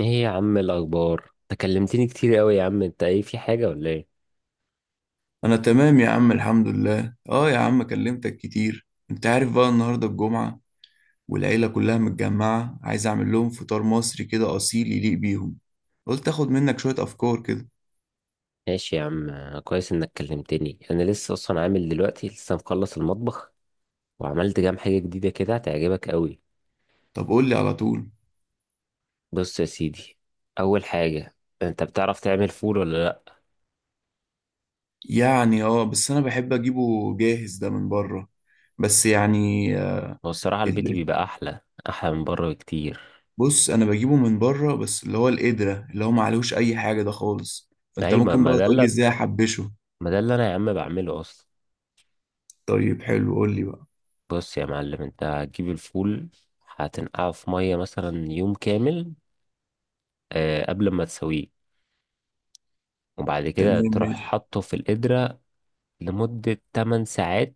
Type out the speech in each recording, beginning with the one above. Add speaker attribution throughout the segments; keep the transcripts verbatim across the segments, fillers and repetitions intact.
Speaker 1: ايه يا عم، الاخبار؟ تكلمتني كتير قوي يا عم. انت ايه، في حاجه ولا ايه؟
Speaker 2: انا تمام يا عم الحمد لله، اه يا عم كلمتك كتير. انت عارف بقى النهارده الجمعة والعيلة كلها متجمعة، عايز اعمل لهم فطار مصري كده اصيل يليق بيهم. قلت اخد منك شوية افكار كده.
Speaker 1: ماشي يا عم. كويس انك كلمتني، انا لسه اصلا عامل دلوقتي، لسه مخلص المطبخ وعملت كام حاجه جديده كده هتعجبك قوي.
Speaker 2: طب قول لي على طول.
Speaker 1: بص يا سيدي، اول حاجه، انت بتعرف تعمل فول ولا لا؟
Speaker 2: يعني اه بس انا بحب اجيبه جاهز ده من بره. بس يعني آه،
Speaker 1: هو الصراحه البيت
Speaker 2: ال-
Speaker 1: بيبقى احلى، احلى من بره بكتير.
Speaker 2: بص، انا بجيبه من بره بس اللي هو القدرة اللي هو ما عليهوش اي حاجة ده خالص، فانت
Speaker 1: ايوه، ما
Speaker 2: ممكن
Speaker 1: ما
Speaker 2: بقى
Speaker 1: ده
Speaker 2: تقول لي
Speaker 1: اللي
Speaker 2: ازاي احبشه.
Speaker 1: ما ده اللي انا يا عم بعمله اصلا.
Speaker 2: طيب حلو قول لي بقى.
Speaker 1: بص يا معلم، انت هتجيب الفول، هتنقعه في ميه مثلا يوم كامل، آه، قبل ما تسويه، وبعد كده
Speaker 2: تمام
Speaker 1: تروح
Speaker 2: ماشي.
Speaker 1: حاطه في القدرة لمدة تمن ساعات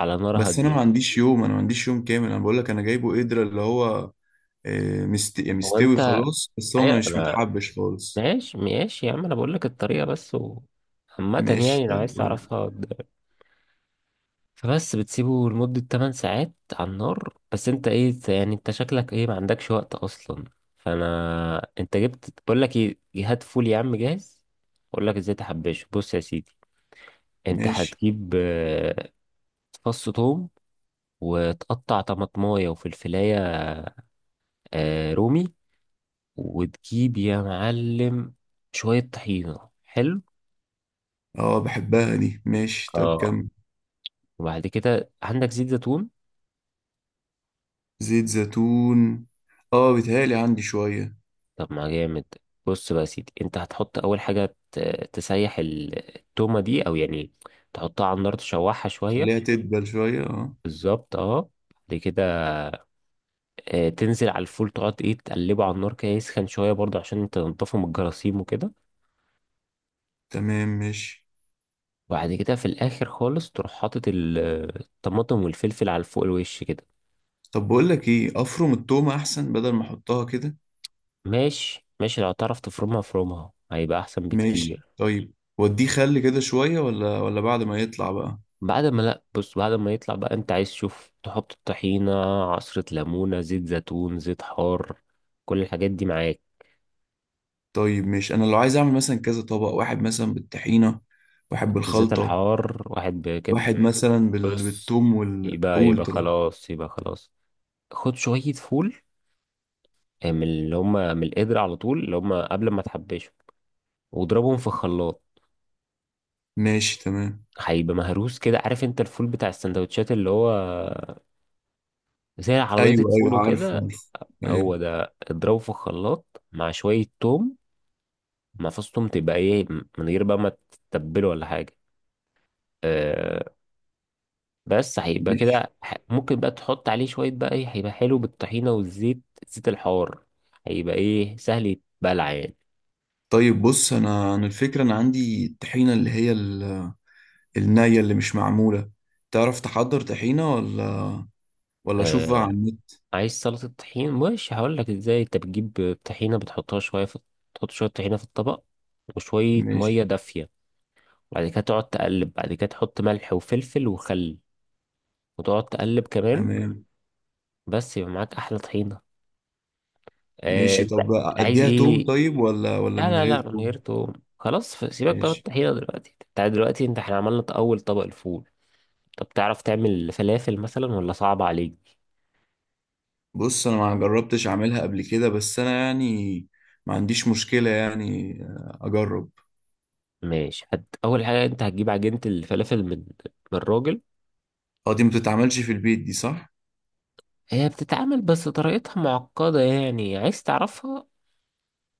Speaker 1: على نار
Speaker 2: بس انا
Speaker 1: هادية.
Speaker 2: ما عنديش يوم، انا ما عنديش يوم كامل، انا بقول لك انا جايبه قدرة اللي هو آه، مست... يعني
Speaker 1: هو
Speaker 2: مستوي
Speaker 1: انت.
Speaker 2: خلاص بس هو
Speaker 1: أيوة،
Speaker 2: مش
Speaker 1: انا
Speaker 2: متحبش خالص.
Speaker 1: ماشي ماشي يا عم، انا بقول لك الطريقة بس و... عامة
Speaker 2: ماشي
Speaker 1: يعني، لو
Speaker 2: طيب
Speaker 1: عايز
Speaker 2: قول.
Speaker 1: تعرفها د- فبس بتسيبه لمدة تمن ساعات على النار. بس انت ايه يعني، انت شكلك ايه، ما عندكش وقت اصلا. فانا انت جبت، بقول لك ايه، هات فول يا عم جاهز، اقول لك ازاي تحبشه. بص يا سيدي، انت
Speaker 2: ماشي.
Speaker 1: هتجيب آه، فص ثوم وتقطع طماطمايه وفلفلايه، آه رومي، وتجيب يا معلم شوية طحينة. حلو.
Speaker 2: اه بحبها دي، ماشي طيب
Speaker 1: اه.
Speaker 2: كم.
Speaker 1: وبعد كده عندك زيت زيتون.
Speaker 2: زيت زيتون، اه بيتهيألي عندي شوية.
Speaker 1: طب ما جامد. بص بقى يا سيدي، انت هتحط اول حاجة ت- تسيح ال- التومة دي، او يعني تحطها على النار تشوحها شوية.
Speaker 2: خليها تدبل شوية اه.
Speaker 1: بالظبط، اه. بعد كده آه تنزل على الفول، تقعد ايه، تقلبه على النار كده يسخن شوية برضه عشان تنضفه من الجراثيم وكده.
Speaker 2: تمام ماشي.
Speaker 1: وبعد كده في الاخر خالص تروح حاطط ال- الطماطم والفلفل على فوق الوش كده.
Speaker 2: طب بقول لك ايه، افرم التومة احسن بدل ما احطها كده.
Speaker 1: ماشي ماشي، لو تعرف تفرمها فرومها هيبقى احسن
Speaker 2: ماشي
Speaker 1: بكتير.
Speaker 2: طيب، وديه خل كده شوية ولا ولا بعد ما يطلع بقى؟
Speaker 1: بعد ما، لا، بص، بعد ما يطلع بقى انت عايز تشوف تحط الطحينة، عصرة ليمونة، زيت زيتون، زيت حار، كل الحاجات دي معاك.
Speaker 2: طيب، مش انا لو عايز اعمل مثلا كذا طبق، واحد مثلا بالطحينة، واحد
Speaker 1: واحد بالزيت
Speaker 2: بالخلطة،
Speaker 1: الحار، واحد بكده.
Speaker 2: واحد مثلا بال...
Speaker 1: بص،
Speaker 2: بالثوم وال
Speaker 1: يبقى
Speaker 2: قول
Speaker 1: يبقى
Speaker 2: طيب.
Speaker 1: خلاص، يبقى خلاص. خد شوية فول من اللي هما، من القدر على طول اللي هما قبل ما تحبشهم، واضربهم في خلاط.
Speaker 2: ماشي تمام.
Speaker 1: هيبقى مهروس كده، عارف انت الفول بتاع السندوتشات، اللي هو زي عربيات
Speaker 2: ايوه
Speaker 1: الفول
Speaker 2: ايوه عارف
Speaker 1: وكده.
Speaker 2: عارف.
Speaker 1: هو
Speaker 2: ايوه.
Speaker 1: ده. اضربه في الخلاط مع شوية توم، مع فص توم، تبقى ايه، من غير بقى ما تتبله ولا حاجة. أه. بس هيبقى
Speaker 2: ماشي
Speaker 1: كده، ح- ممكن بقى تحط عليه شوية بقى ايه، هيبقى حلو بالطحينة والزيت، زيت الحار. هيبقى ايه، سهل يتبلع يعني.
Speaker 2: طيب. بص، انا انا الفكرة انا عندي الطحينة اللي هي ال... النية اللي مش معمولة. تعرف تحضر طحينة ولا ولا اشوف بقى على
Speaker 1: أه.
Speaker 2: النت؟
Speaker 1: عايز سلطة طحين؟ مش هقول لك ازاي. انت بتجيب طحينة، بتحطها شوية في، تحط شوية طحينة في الطبق وشوية مية
Speaker 2: ماشي
Speaker 1: دافية، بعد كده تقعد تقلب، بعد كده تحط ملح وفلفل وخل، وتقعد تقلب كمان.
Speaker 2: تمام.
Speaker 1: بس يبقى معاك احلى طحينه. آه،
Speaker 2: ماشي،
Speaker 1: انت
Speaker 2: طب
Speaker 1: عايز
Speaker 2: اديها توم
Speaker 1: ايه.
Speaker 2: طيب ولا ولا
Speaker 1: لا
Speaker 2: من
Speaker 1: لا
Speaker 2: غير
Speaker 1: لا، من
Speaker 2: توم؟
Speaker 1: غير توم. خلاص. ف- سيبك بقى من
Speaker 2: ماشي.
Speaker 1: الطحينه دلوقتي، انت دلوقتي، انت احنا عملنا اول طبق، الفول. طب تعرف تعمل فلافل مثلا ولا صعب عليك؟
Speaker 2: بص، انا ما جربتش اعملها قبل كده، بس انا يعني ما عنديش مشكلة، يعني آه، اجرب.
Speaker 1: ماشي. هت... اول حاجه، انت هتجيب عجينه الفلافل من، من الراجل.
Speaker 2: اه دي ما بتتعملش في البيت دي، صح؟
Speaker 1: هي بتتعمل بس طريقتها معقده يعني، عايز تعرفها؟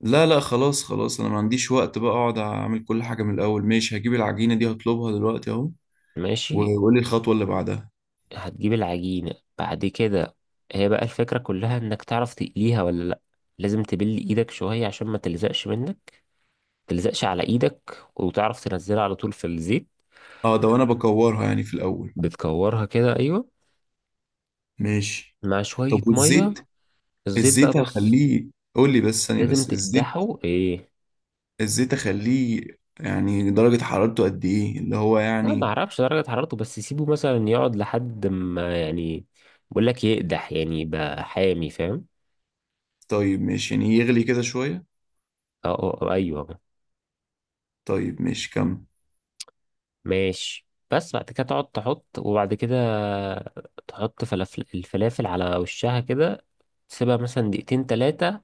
Speaker 2: لا لا خلاص خلاص، انا ما عنديش وقت بقى اقعد اعمل كل حاجة من الاول. ماشي، هجيب العجينة دي هطلبها دلوقتي اهو.
Speaker 1: ماشي،
Speaker 2: وقول لي الخطوة اللي بعدها.
Speaker 1: هتجيب العجينه. بعد كده هي بقى الفكره كلها انك تعرف تقليها ولا لا. لازم تبل ايدك شويه عشان ما تلزقش منك، تلزقش على ايدك، وتعرف تنزلها على طول في الزيت.
Speaker 2: اه ده وانا بكورها يعني في الاول.
Speaker 1: بتكورها كده، ايوه،
Speaker 2: ماشي.
Speaker 1: مع شوية
Speaker 2: طب
Speaker 1: مية.
Speaker 2: والزيت؟
Speaker 1: الزيت بقى،
Speaker 2: الزيت
Speaker 1: بص،
Speaker 2: هخليه. قول لي بس ثانية،
Speaker 1: لازم
Speaker 2: بس الزيت.
Speaker 1: تقدحه ايه.
Speaker 2: الزيت اخليه يعني درجة حرارته قد ايه، اللي هو
Speaker 1: لا ما
Speaker 2: يعني؟
Speaker 1: اعرفش درجة حرارته، بس سيبه مثلا يقعد لحد ما يعني، بقول لك يقدح يعني، يبقى حامي، فاهم.
Speaker 2: طيب ماشي، يعني يغلي كده شوية.
Speaker 1: اه. آه، آه، ايوه.
Speaker 2: طيب ماشي كمل.
Speaker 1: ماشي. بس بعد كده تقعد تحط، وبعد كده تحط فلافل، الفلافل على وشها كده، تسيبها مثلا دقيقتين تلاتة،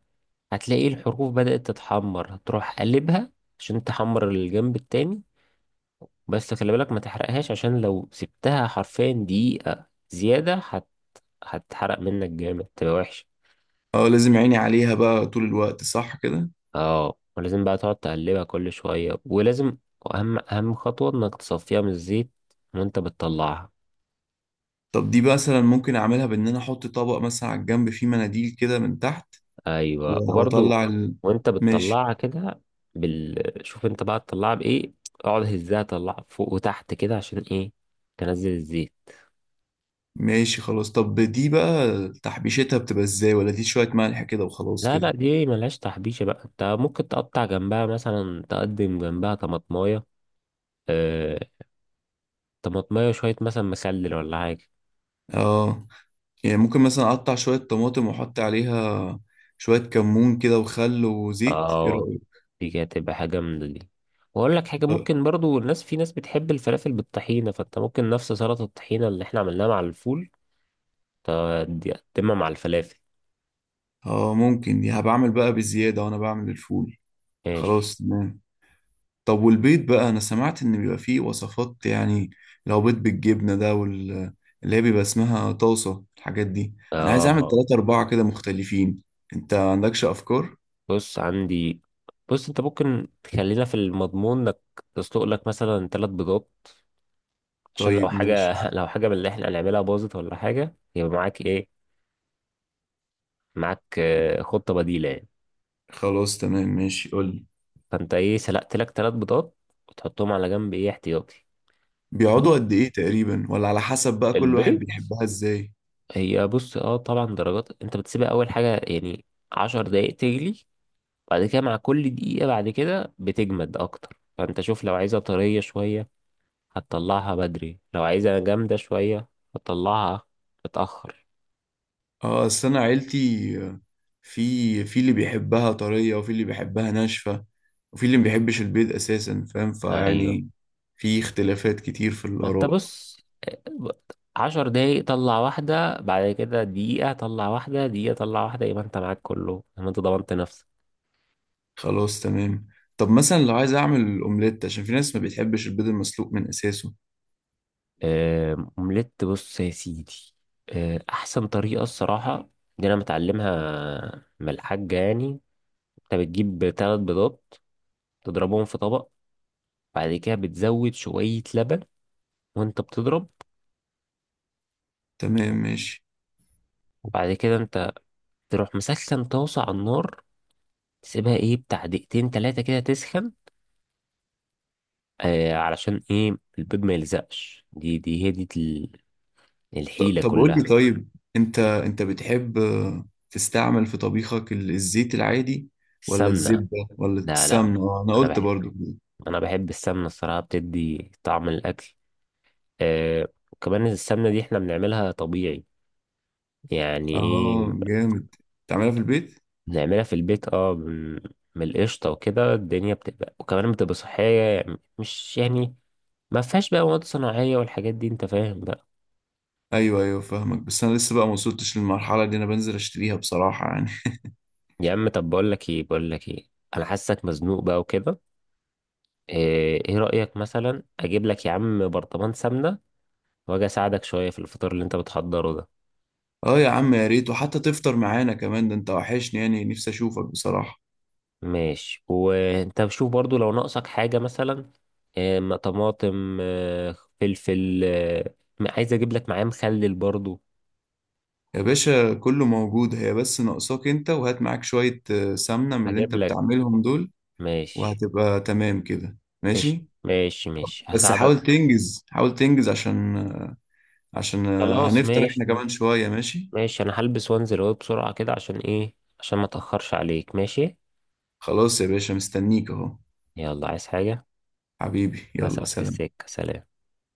Speaker 1: هتلاقي الحروف بدأت تتحمر، هتروح قلبها عشان تحمر الجنب التاني. بس خلي بالك ما تحرقهاش، عشان لو سبتها حرفيا دقيقة زيادة هت... هتحرق منك جامد، تبقى وحشة.
Speaker 2: اه لازم عيني عليها بقى طول الوقت، صح كده؟
Speaker 1: اه، ولازم بقى تقعد تقلبها كل شوية، ولازم أهم أهم خطوة إنك تصفيها من الزيت وأنت بتطلعها.
Speaker 2: طب دي بقى مثلا ممكن اعملها بان انا احط طبق مثلا على الجنب فيه مناديل كده من تحت؟
Speaker 1: أيوة،
Speaker 2: و-
Speaker 1: وبرضو
Speaker 2: واطلع ال...
Speaker 1: وأنت
Speaker 2: ماشي
Speaker 1: بتطلعها كده بال... شوف أنت بقى تطلعها بإيه، اقعد هزها، طلعها فوق وتحت كده عشان إيه، تنزل الزيت.
Speaker 2: ماشي خلاص. طب دي بقى تحبيشتها بتبقى ازاي، ولا دي شوية ملح كده وخلاص
Speaker 1: لا
Speaker 2: كده؟
Speaker 1: لا، دي ملهاش تحبيشة بقى. انت ممكن تقطع جنبها مثلا، تقدم جنبها طماطماية، آه، طماطماية، شوية مثلا مخلل ولا حاجة.
Speaker 2: اه، يعني ممكن مثلا اقطع شوية طماطم واحط عليها شوية كمون كده وخل وزيت، ايه
Speaker 1: اه.
Speaker 2: رأيك؟
Speaker 1: دي كده تبقى حاجة جامدة دي. واقول لك حاجة، ممكن برضو، الناس، في ناس بتحب الفلافل بالطحينة، فانت ممكن نفس سلطة الطحينة اللي احنا عملناها مع الفول ت- دي تقدمها مع الفلافل.
Speaker 2: اه، ممكن دي هبعمل بقى بالزيادة وانا بعمل الفول.
Speaker 1: ماشي.
Speaker 2: خلاص تمام. طب والبيض بقى، انا سمعت ان بيبقى فيه وصفات يعني. لو بيض بالجبنة ده وال اللي هي بيبقى اسمها طاسة الحاجات دي. انا عايز اعمل
Speaker 1: اه،
Speaker 2: تلاتة اربعة كده مختلفين. انت عندكش افكار؟
Speaker 1: بص عندي. بص، انت ممكن تخلينا في المضمون، انك تسلق لك مثلا ثلاث بيضات، عشان لو
Speaker 2: طيب
Speaker 1: حاجة
Speaker 2: ماشي،
Speaker 1: لو حاجة من اللي احنا هنعملها باظت ولا حاجة، يبقى معاك ايه، معاك آه، خطة بديلة يعني.
Speaker 2: خلاص تمام ماشي قولي.
Speaker 1: فانت ايه، سلقت لك ثلاث بيضات وتحطهم على جنب ايه، احتياطي. بص،
Speaker 2: بيقعدوا قد ايه تقريبا، ولا على حسب بقى كل واحد
Speaker 1: البيض،
Speaker 2: بيحبها ازاي؟
Speaker 1: هي، بص، اه، طبعا درجات، انت بتسيبها اول حاجة يعني عشر دقايق تجلي، بعد كده مع كل دقيقة بعد كده بتجمد اكتر، فانت شوف، لو عايزها طرية شوية هتطلعها بدري، لو عايزها جامدة شوية هتطلعها متأخر.
Speaker 2: اه اصل انا عيلتي آه، في في اللي بيحبها طرية، وفي اللي بيحبها ناشفة، وفي اللي ما بيحبش البيض اساسا، فاهم
Speaker 1: ايوه.
Speaker 2: فيعني. في اختلافات كتير في
Speaker 1: ما انت،
Speaker 2: الاراء.
Speaker 1: بص، عشر دقايق طلع واحدة، بعد كده دقيقة طلع واحدة، دقيقة طلع واحدة، يبقى انت معاك كله لما انت ضمنت نفسك.
Speaker 2: خلاص تمام. طب مثلا لو عايز اعمل اومليت عشان في ناس ما بتحبش البيض المسلوق من اساسه.
Speaker 1: آه، اومليت، بص يا سيدي، آه، احسن طريقة الصراحة دي انا متعلمها من الحاجة يعني. انت بتجيب تلات بيضات، تضربهم في طبق، بعد كده بتزود شوية لبن وانت بتضرب.
Speaker 2: تمام ماشي.
Speaker 1: وبعد كده انت تروح مسخن طاسة على النار، تسيبها ايه، بتاع دقيقتين تلاتة كده تسخن، آه علشان ايه البيض ما يلزقش، دي دي هي دي ال-
Speaker 2: ط-
Speaker 1: الحيلة
Speaker 2: طب قول لي
Speaker 1: كلها.
Speaker 2: طيب، انت انت بتحب آه، تستعمل في طبيخك ال- الزيت العادي ولا
Speaker 1: السمنة.
Speaker 2: الزبدة ولا
Speaker 1: لا لا.
Speaker 2: السمنة؟ آه، انا
Speaker 1: انا
Speaker 2: قلت
Speaker 1: بحب،
Speaker 2: برضو كده.
Speaker 1: انا بحب السمنة الصراحة، بتدي طعم الاكل. آه، وكمان السمنة دي احنا بنعملها طبيعي، يعني ايه،
Speaker 2: اه جامد، تعملها في البيت.
Speaker 1: بنعملها في البيت. اه، من، من القشطة وكده. الدنيا بتبقى، وكمان بتبقى صحية يعني، مش يعني ما فيهاش بقى مواد صناعية والحاجات دي، انت فاهم بقى.
Speaker 2: ايوه ايوه فاهمك، بس انا لسه بقى ما وصلتش للمرحلة دي، انا بنزل اشتريها بصراحة يعني.
Speaker 1: يا عم، طب بقول لك ايه، بقول لك ايه، انا حاسك مزنوق بقى وكده، ايه إيه رأيك مثلا اجيب لك يا عم برطمان سمنة واجي اساعدك شوية في الفطار اللي انت بتحضره ده؟
Speaker 2: اه يا عم يا ريت، وحتى تفطر معانا كمان، ده انت وحشني يعني، نفسي اشوفك بصراحة.
Speaker 1: ماشي. وانت بشوف برضو لو ناقصك حاجة مثلا، إيه، م- طماطم، آه، فلفل، آه، م- عايز اجيب لك معاه مخلل برضو.
Speaker 2: يا باشا كله موجود، هي بس ناقصاك انت، وهات معاك شوية آه، سمنة من اللي
Speaker 1: هجيب
Speaker 2: انت
Speaker 1: لك.
Speaker 2: بتعملهم دول.
Speaker 1: ماشي.
Speaker 2: وهتبقى تمام كده
Speaker 1: قشطة.
Speaker 2: ماشي.
Speaker 1: ماشي ماشي،
Speaker 2: بس
Speaker 1: هساعدك.
Speaker 2: حاول تنجز، حاول تنجز عشان عشان آه،
Speaker 1: خلاص
Speaker 2: هنفطر احنا
Speaker 1: ماشي.
Speaker 2: كمان شوية ماشي.
Speaker 1: ماشي، انا هلبس وانزل اهو بسرعة كده، عشان ايه، عشان ما اتأخرش عليك، ماشي.
Speaker 2: خلاص يا باشا مستنيك اهو.
Speaker 1: يلا، عايز حاجة؟
Speaker 2: حبيبي يلا
Speaker 1: مسافة
Speaker 2: سلام.
Speaker 1: السكة، سلام.